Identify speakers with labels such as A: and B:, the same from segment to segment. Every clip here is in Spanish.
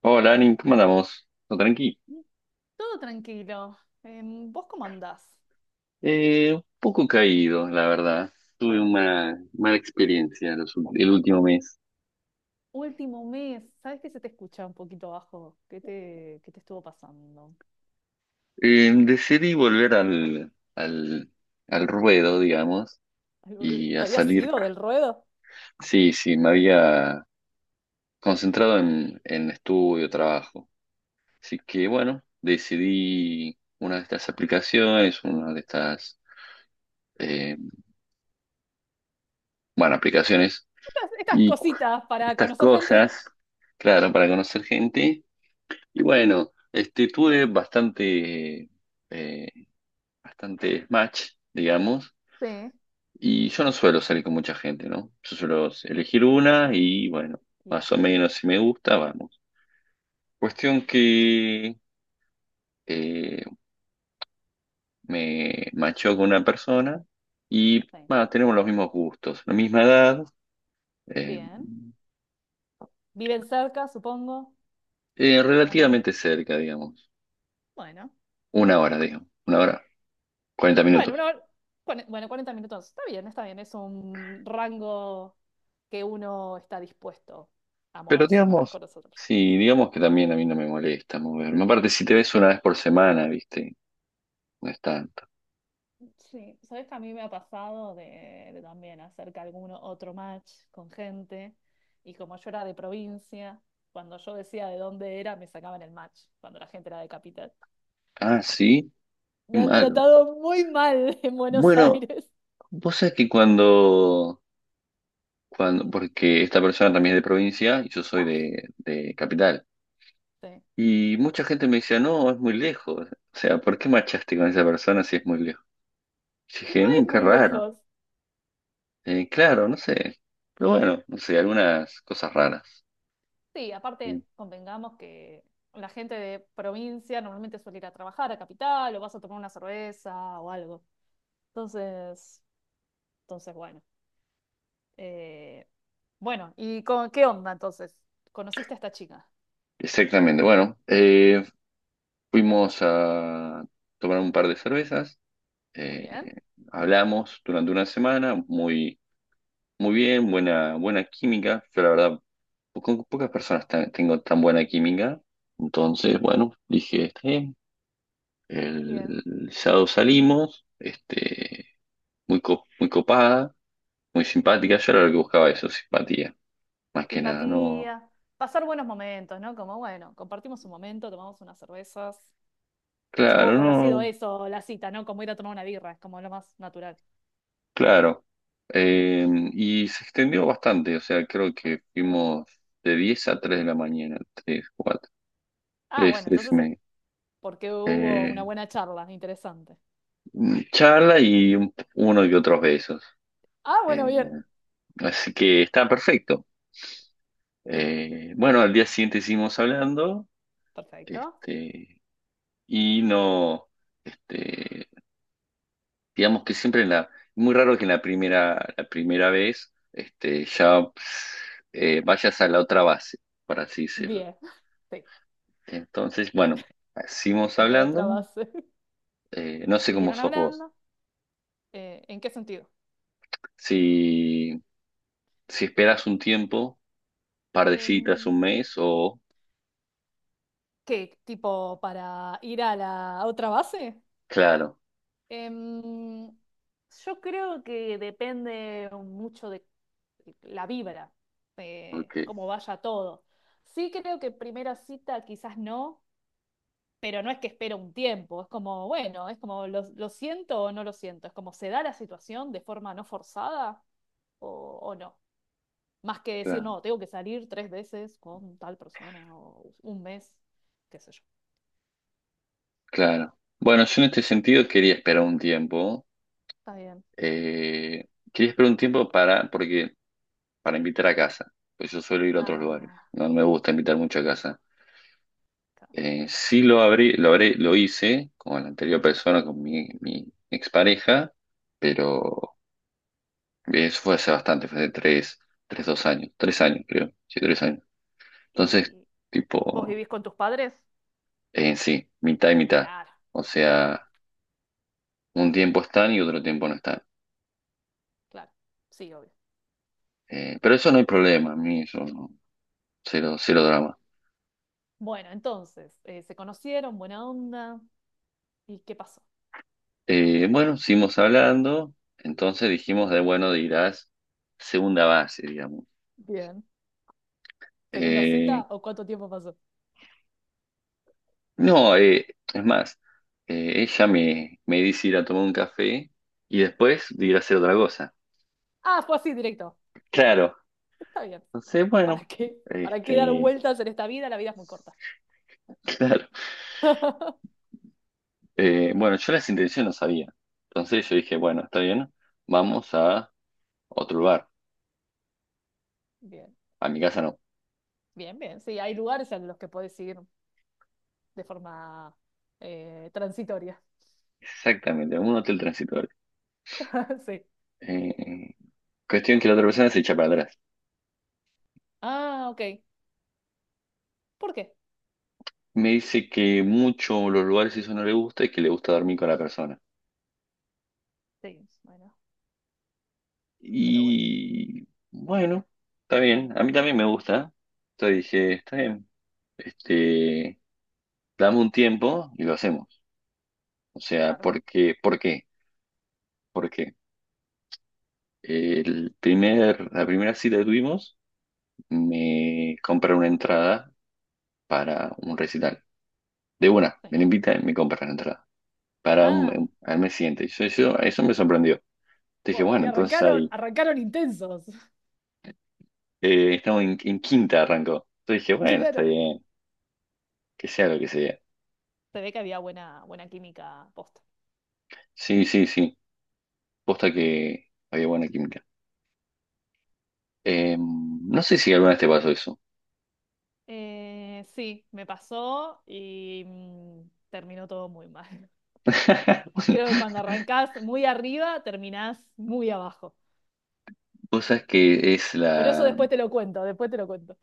A: Hola, Arin, ¿cómo andamos? ¿Todo tranqui?
B: Todo tranquilo. ¿Vos cómo andás?
A: Un poco caído, la verdad. Tuve una mala experiencia los el último mes.
B: Último mes, ¿sabes que se te escucha un poquito bajo? ¿¿Qué te estuvo pasando?
A: Decidí volver al ruedo, digamos, y
B: ¿Te
A: a
B: habías
A: salir.
B: ido del ruedo?
A: Sí, sí, me había concentrado en estudio, trabajo. Así que, bueno, decidí una de estas aplicaciones, una de estas, eh, bueno, aplicaciones
B: Estas
A: y
B: cositas para
A: estas
B: conocer gente.
A: cosas, claro, para conocer gente. Y bueno, este, tuve bastante, eh, bastante match, digamos,
B: Sí.
A: y yo no suelo salir con mucha gente, ¿no? Yo suelo elegir una y bueno,
B: Y va,
A: más o menos si me gusta, vamos. Cuestión que eh, me machó con una persona y
B: sí.
A: bueno, tenemos los mismos gustos, la misma edad, eh,
B: Bien. ¿Viven cerca, supongo? ¿O no?
A: relativamente cerca,
B: Bueno.
A: digamos, una hora, 40
B: Bueno, una
A: minutos.
B: hora- bueno, 40 minutos. Está bien, está bien. Es un rango que uno está dispuesto a
A: Pero
B: moverse para
A: digamos,
B: conocer.
A: sí, digamos que también a mí no me molesta moverme. Aparte, si te ves una vez por semana, viste, no es tanto.
B: Sí, sabes que a mí me ha pasado de también hacer que alguno otro match con gente y como yo era de provincia, cuando yo decía de dónde era, me sacaban el match, cuando la gente era de capital.
A: Ah, sí, qué
B: Me han
A: malo.
B: tratado muy mal en Buenos
A: Bueno,
B: Aires.
A: vos sabés que porque esta persona también es de provincia y yo soy
B: Ah,
A: de capital.
B: sí.
A: Y mucha gente me decía, no, es muy lejos. O sea, ¿por qué machaste con esa persona si es muy lejos? Y
B: Y no
A: dije, mmm,
B: es
A: qué
B: muy
A: raro.
B: lejos.
A: Claro, no sé. Pero bueno, no sé, algunas cosas raras.
B: Sí,
A: Sí.
B: aparte, convengamos que la gente de provincia normalmente suele ir a trabajar a capital o vas a tomar una cerveza o algo. Entonces, bueno. Eh, bueno, ¿qué onda entonces? ¿Conociste a esta chica?
A: Exactamente, bueno. Fuimos a tomar un par de cervezas,
B: Muy
A: eh,
B: bien,
A: hablamos durante una semana, muy, muy bien, buena, buena química. Yo la verdad, con pocas personas tengo tan buena química. Entonces, bueno, dije, está bien.
B: bien,
A: El sábado salimos, este, muy, muy copada, muy simpática.
B: bien.
A: Yo era lo que buscaba eso, simpatía, más que nada, no.
B: Simpatía, pasar buenos momentos, ¿no? Como, bueno, compartimos un momento, tomamos unas cervezas. Supongo
A: Claro,
B: que habrá sido
A: no.
B: eso la cita, ¿no? Como ir a tomar una birra, es como lo más natural.
A: Claro, Eh, y se extendió bastante, o sea, creo que fuimos de 10 a 3 de la mañana, 3, 4,
B: Ah,
A: 3,
B: bueno,
A: 3 y
B: entonces es
A: media.
B: porque hubo una
A: Eh,
B: buena charla, interesante.
A: charla y uno y otros besos.
B: Ah, bueno,
A: Eh,
B: bien.
A: así que está perfecto.
B: Sí,
A: Bueno, al día siguiente seguimos hablando,
B: perfecto.
A: este, y no, este, digamos que siempre en la, muy raro que en la primera vez, este, ya vayas a la otra base, por así decirlo.
B: Bien, sí,
A: Entonces, bueno, seguimos
B: la otra
A: hablando.
B: base.
A: No sé cómo
B: Siguieron
A: sos vos.
B: hablando. ¿En qué sentido?
A: Si, si esperas un tiempo, par de citas,
B: Em,
A: un mes o...
B: ¿Qué? ¿Tipo para ir a la otra base?
A: Claro,
B: Em, yo creo que depende mucho de la vibra, de
A: ok,
B: cómo vaya todo. Sí creo que primera cita quizás no, pero no es que espero un tiempo, es como, bueno, es como lo siento o no lo siento, es como se da la situación de forma no forzada o no. Más que decir,
A: claro,
B: no, tengo que salir 3 veces con tal persona o un mes, qué sé yo.
A: claro. Bueno, yo en este sentido quería esperar un tiempo.
B: Está bien.
A: eh, Quería esperar un tiempo para, porque, para invitar a casa. Pues yo suelo ir a otros lugares.
B: Ah,
A: No me gusta invitar mucho a casa. Sí lo abrí, lo hice con la anterior persona, mi expareja, pero eso fue hace bastante, fue hace tres, tres, dos años, tres años creo, sí, tres años. Entonces,
B: ¿y vos
A: tipo,
B: vivís con tus padres?
A: en sí, mitad y mitad.
B: Claro,
A: O
B: claro,
A: sea, un tiempo están y otro tiempo no están.
B: claro. Sí, obvio.
A: Pero eso no hay problema, a mí eso no, cero, cero drama.
B: Bueno, entonces, se conocieron, buena onda. ¿Y qué pasó?
A: Bueno, seguimos hablando, entonces dijimos de, bueno, dirás segunda base, digamos.
B: Bien. ¿Segunda cita
A: Eh,
B: o cuánto tiempo pasó?
A: no, Es más, ella me dice ir a tomar un café y después de ir a hacer otra cosa.
B: Ah, fue así directo.
A: Claro,
B: Está bien.
A: entonces, bueno,
B: ¿Para qué? ¿Para qué dar
A: este,
B: vueltas en esta vida? La vida es muy corta.
A: claro. Bueno, yo las intenciones no sabía. Entonces yo dije, bueno, está bien, vamos a otro lugar.
B: Bien,
A: A mi casa no.
B: bien, bien. Sí, hay lugares a los que puedes ir de forma transitoria.
A: Exactamente, a un hotel transitorio.
B: Sí.
A: Eh, Cuestión que la otra persona se echa para atrás.
B: Ah, ok. ¿Por qué?
A: Me dice que mucho los lugares eso no le gusta y que le gusta dormir con la persona.
B: Sí, bueno, pero bueno.
A: Y bueno, está bien. A mí también me gusta. Entonces
B: Sí,
A: dije, está bien. Este, dame un tiempo y lo hacemos. O sea,
B: claro.
A: ¿por qué? ¿Por qué? ¿Por qué? El primer, la primera cita que tuvimos, me compré una entrada para un recital. De una,
B: Sí.
A: me la invitan y me compra la entrada. Para un,
B: Ah,
A: al mes siguiente. Yo, eso me sorprendió. Te dije,
B: wow, y
A: bueno, entonces
B: arrancaron,
A: ahí.
B: arrancaron intensos.
A: Estamos en quinta, arrancó. Yo dije, bueno, está
B: Claro.
A: bien, que sea lo que sea.
B: Se ve que había buena, buena química posta.
A: Sí, sí, sí. Posta que había buena química. No sé si alguna vez te pasó eso.
B: Sí, me pasó y mm, terminó todo muy mal. Creo que cuando arrancás muy arriba, terminás muy abajo.
A: Vos sabés que es
B: Pero eso
A: la
B: después te lo cuento, después te lo cuento.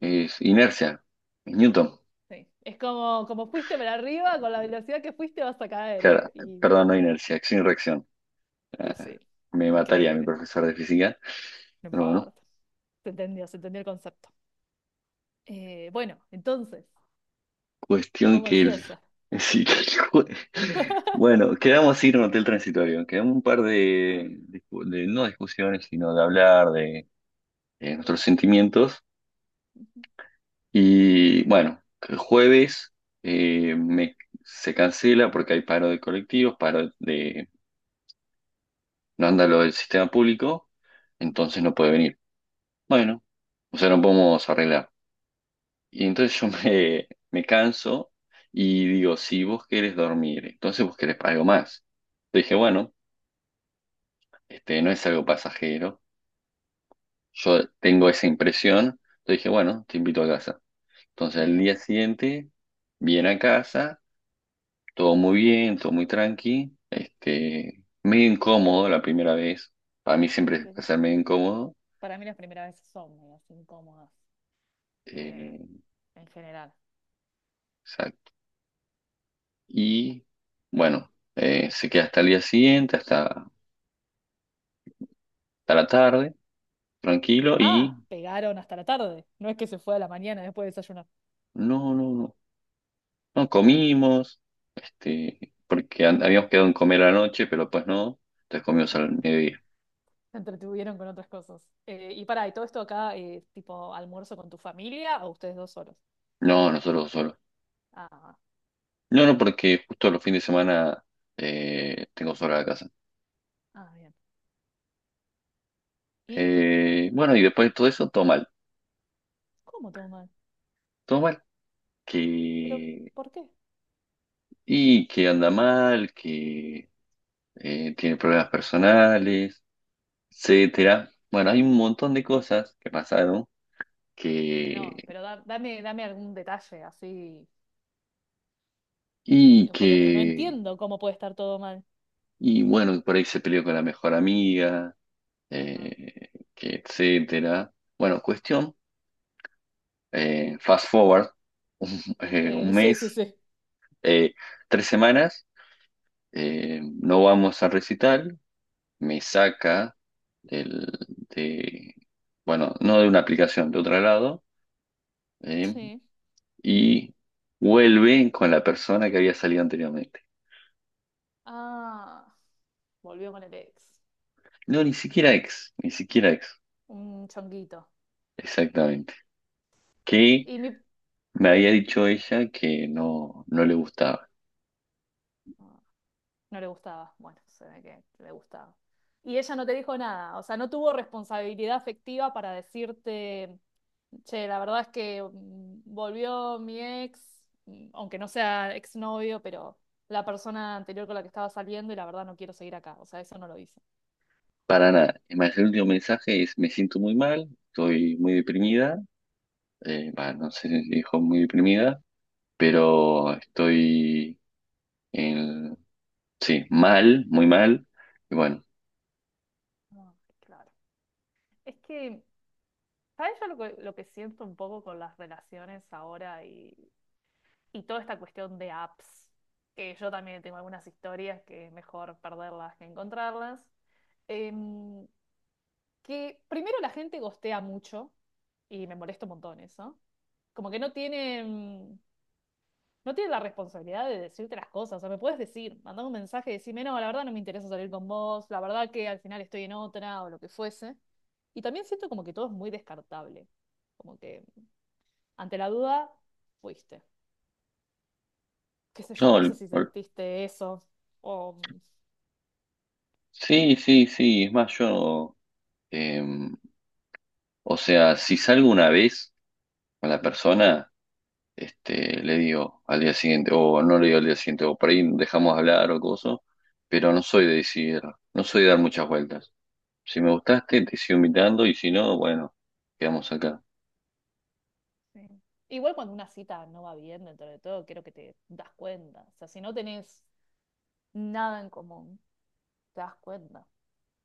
A: es inercia. Es Newton.
B: Sí. Es como, como fuiste para arriba, con la velocidad que fuiste vas a caer,
A: Claro,
B: ¿eh? Y
A: perdón, no inercia, acción y reacción.
B: sí,
A: Ah,
B: sí.
A: me mataría a mi
B: Increíble,
A: profesor de física,
B: no
A: pero bueno,
B: importa. Se entendió el concepto. Bueno, entonces, me
A: cuestión
B: pongo
A: que el...
B: ansiosa.
A: sí, que el jue- bueno, quedamos así en un hotel transitorio, quedamos un par de, no discusiones, sino de hablar de nuestros sentimientos. Y bueno, el jueves eh, me, se cancela porque hay paro de colectivos, paro de... no anda lo del sistema público, entonces no puede venir. Bueno, o sea, no podemos arreglar. Y entonces me canso y digo, si vos querés dormir, entonces vos querés algo más. Entonces dije, bueno, este no es algo pasajero. Yo tengo esa impresión. Entonces dije, bueno, te invito a casa. Entonces al
B: Bien.
A: día siguiente viene a casa, todo muy bien, todo muy tranqui. Este, medio incómodo la primera vez. Para mí
B: Y
A: siempre es
B: pero
A: pasar medio incómodo.
B: para mí las primeras veces son medias incómodas, eh,
A: Eh,
B: en general.
A: exacto. Y bueno, se queda hasta el día siguiente, hasta, hasta la tarde. Tranquilo y
B: Ah, pegaron hasta la tarde. No es que se fue a la mañana después de desayunar.
A: no, no, no, no comimos, porque habíamos quedado en comer a la noche, pero pues no, entonces comimos al
B: Bueno,
A: mediodía.
B: se entretuvieron con otras cosas. ¿Y todo esto acá, tipo almuerzo con tu familia o ustedes dos solos?
A: No, nosotros solos.
B: Ah,
A: No, no, porque justo los fines de semana tengo sola la casa.
B: ah, bien. ¿Y
A: Bueno, y después de todo eso,
B: cómo todo mal?
A: todo mal,
B: ¿Pero
A: que,
B: por qué?
A: y que anda mal, que tiene problemas personales, etcétera. Bueno, hay un montón de cosas que pasaron
B: No,
A: que,
B: pero dame, dame algún detalle así,
A: y
B: porque no, no
A: que
B: entiendo cómo puede estar todo mal.
A: y bueno, por ahí se peleó con la mejor amiga,
B: Ajá.
A: que etcétera. Bueno, cuestión, fast forward,
B: Sí,
A: un
B: sí,
A: mes,
B: sí, sí.
A: eh, tres semanas, no vamos a recital, me saca del, de, bueno, no de una aplicación, de otro lado, eh,
B: Sí.
A: y vuelve con la persona que había salido anteriormente.
B: Ah, volvió con el ex.
A: No, ni siquiera ex, ni siquiera ex,
B: Un chonguito.
A: exactamente. Que
B: Y mi...
A: me había dicho ella que no, no le gustaba.
B: Ah, no le gustaba. Bueno, se ve que le gustaba. Y ella no te dijo nada. O sea, no tuvo responsabilidad afectiva para decirte, che, la verdad es que mm, volvió mi ex, mm, aunque no sea exnovio, pero la persona anterior con la que estaba saliendo y la verdad no quiero seguir acá. O sea, eso no lo hizo.
A: Para nada. Imagínate, el último mensaje es, me siento muy mal, estoy muy deprimida, bah, no sé si dijo muy deprimida, pero estoy en, sí, mal, muy mal. Y bueno,
B: Ah, claro. Es que, ¿sabes yo lo que siento un poco con las relaciones ahora y toda esta cuestión de apps, que yo también tengo algunas historias que es mejor perderlas que encontrarlas? Em, que primero la gente gostea mucho y me molesta un montón eso. Como que no tienen, no tienen la responsabilidad de decirte las cosas. O sea, me puedes decir, mandar un mensaje y decirme, no, la verdad no me interesa salir con vos, la verdad que al final estoy en otra o lo que fuese. Y también siento como que todo es muy descartable. Como que ante la duda, fuiste. Qué sé yo,
A: no,
B: no sé si sentiste eso. O,
A: sí, sí, sí, es más, yo, eh, o sea, si salgo una vez con la persona, este, le digo al día siguiente, o no le digo al día siguiente, o por ahí dejamos de hablar o cosas, pero no soy de decir, no soy de dar muchas vueltas. Si me gustaste, te sigo invitando y si no, bueno, quedamos acá.
B: sí. Igual cuando una cita no va bien dentro de todo, creo que te das cuenta. O sea, si no tenés nada en común, te das cuenta.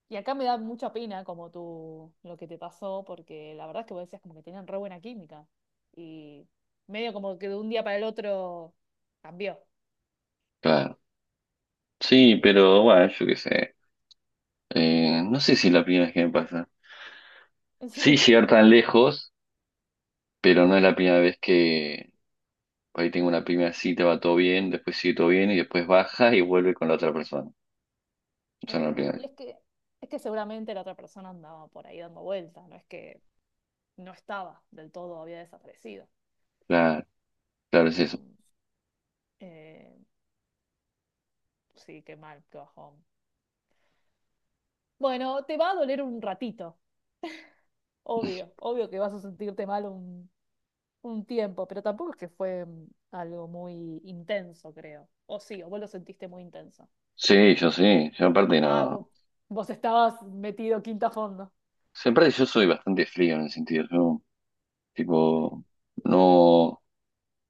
B: Y acá me da mucha pena como tú, lo que te pasó, porque la verdad es que vos decías como que tenían re buena química. Y medio como que de un día para el otro cambió.
A: Claro. Sí,
B: Eh,
A: pero bueno, yo qué sé. No sé si es la primera vez que me pasa.
B: en
A: Sí,
B: serio.
A: llegar tan lejos, pero no es la primera vez que por ahí tengo una primera cita, va todo bien, después sigue todo bien y después baja y vuelve con la otra persona. O sea, no es la
B: Eh,
A: primera
B: y
A: vez.
B: es que, es que seguramente la otra persona andaba por ahí dando vueltas, no es que no estaba del todo, había desaparecido.
A: Claro, claro, es
B: Pero
A: eso.
B: mm, Eh, sí, qué mal, qué bajón. Bueno, te va a doler un ratito, obvio, obvio que vas a sentirte mal un tiempo, pero tampoco es que fue mm, algo muy intenso, creo. O sí, o vos lo sentiste muy intenso.
A: Sí, yo sí. Yo aparte
B: Ah,
A: no. O
B: vo- Vos, estabas metido quinta a fondo.
A: sea, aparte yo soy bastante frío en el sentido. Yo,
B: Sí,
A: tipo, no.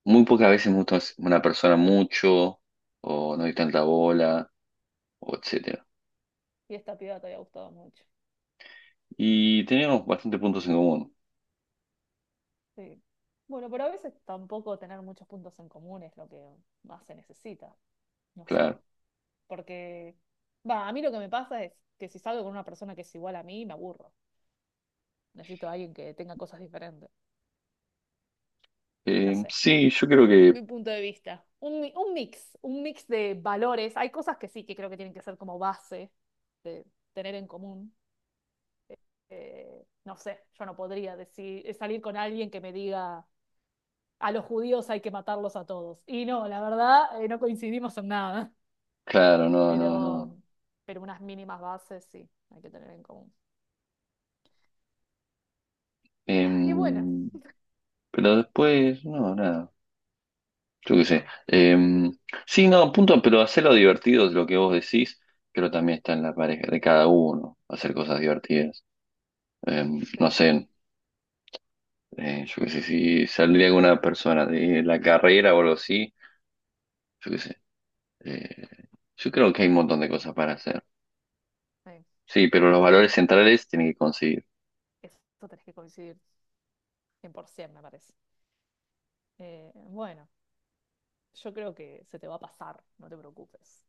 A: Muy pocas veces me gusta una persona mucho, o no hay tanta bola, o etcétera.
B: y esta piba te había gustado mucho.
A: Y tenemos bastantes puntos en común,
B: Sí. Bueno, pero a veces tampoco tener muchos puntos en común es lo que más se necesita, no sé,
A: claro.
B: porque, va, a mí lo que me pasa es que si salgo con una persona que es igual a mí, me aburro. Necesito a alguien que tenga cosas diferentes. No sé, mi,
A: Sí, yo creo que,
B: mi punto de vista. Un mix de valores. Hay cosas que sí que creo que tienen que ser como base de tener en común. No sé, yo no podría decir, salir con alguien que me diga a los judíos hay que matarlos a todos. Y no, la verdad, no coincidimos en nada.
A: claro, no, no,
B: Pero,
A: no.
B: pero unas mínimas bases sí hay que tener en común. Y bueno,
A: Em, pero después, no, nada, yo qué sé. Sí, no, punto, pero hacerlo divertido es lo que vos decís, pero también está en la pareja de cada uno, hacer cosas divertidas. No
B: sí,
A: sé, yo qué sé, si saldría alguna persona de la carrera o algo así. Yo qué sé, Eh, yo creo que hay un montón de cosas para hacer.
B: sí,
A: Sí, pero los
B: sí.
A: valores centrales tienen que conseguir.
B: Eso tenés que coincidir 100%, me parece. Bueno. Yo creo que se te va a pasar, no te preocupes.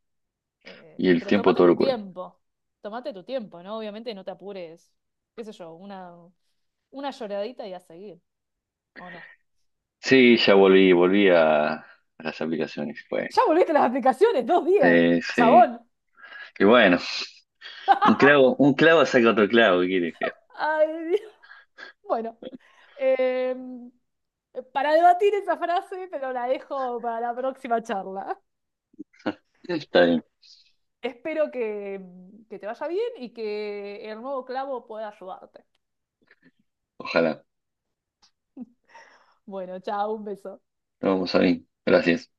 A: Y el
B: Pero
A: tiempo todo lo cura.
B: tómate tu tiempo, ¿no? Obviamente no te apures, qué sé yo, una lloradita y a seguir, ¿o no?
A: Sí, ya volví, volví a las aplicaciones. Fue
B: Ya volviste a las aplicaciones, 2 días,
A: sí, sí.
B: chabón.
A: Y bueno, un clavo saca otro clavo, ¿qué quieres que?
B: Ay, Dios. Bueno, eh, para debatir esa frase, pero la dejo para la próxima charla.
A: Está bien,
B: Espero que te vaya bien y que el nuevo clavo pueda ayudarte.
A: ojalá.
B: Bueno, chao, un beso.
A: Nos vamos a ver. Gracias.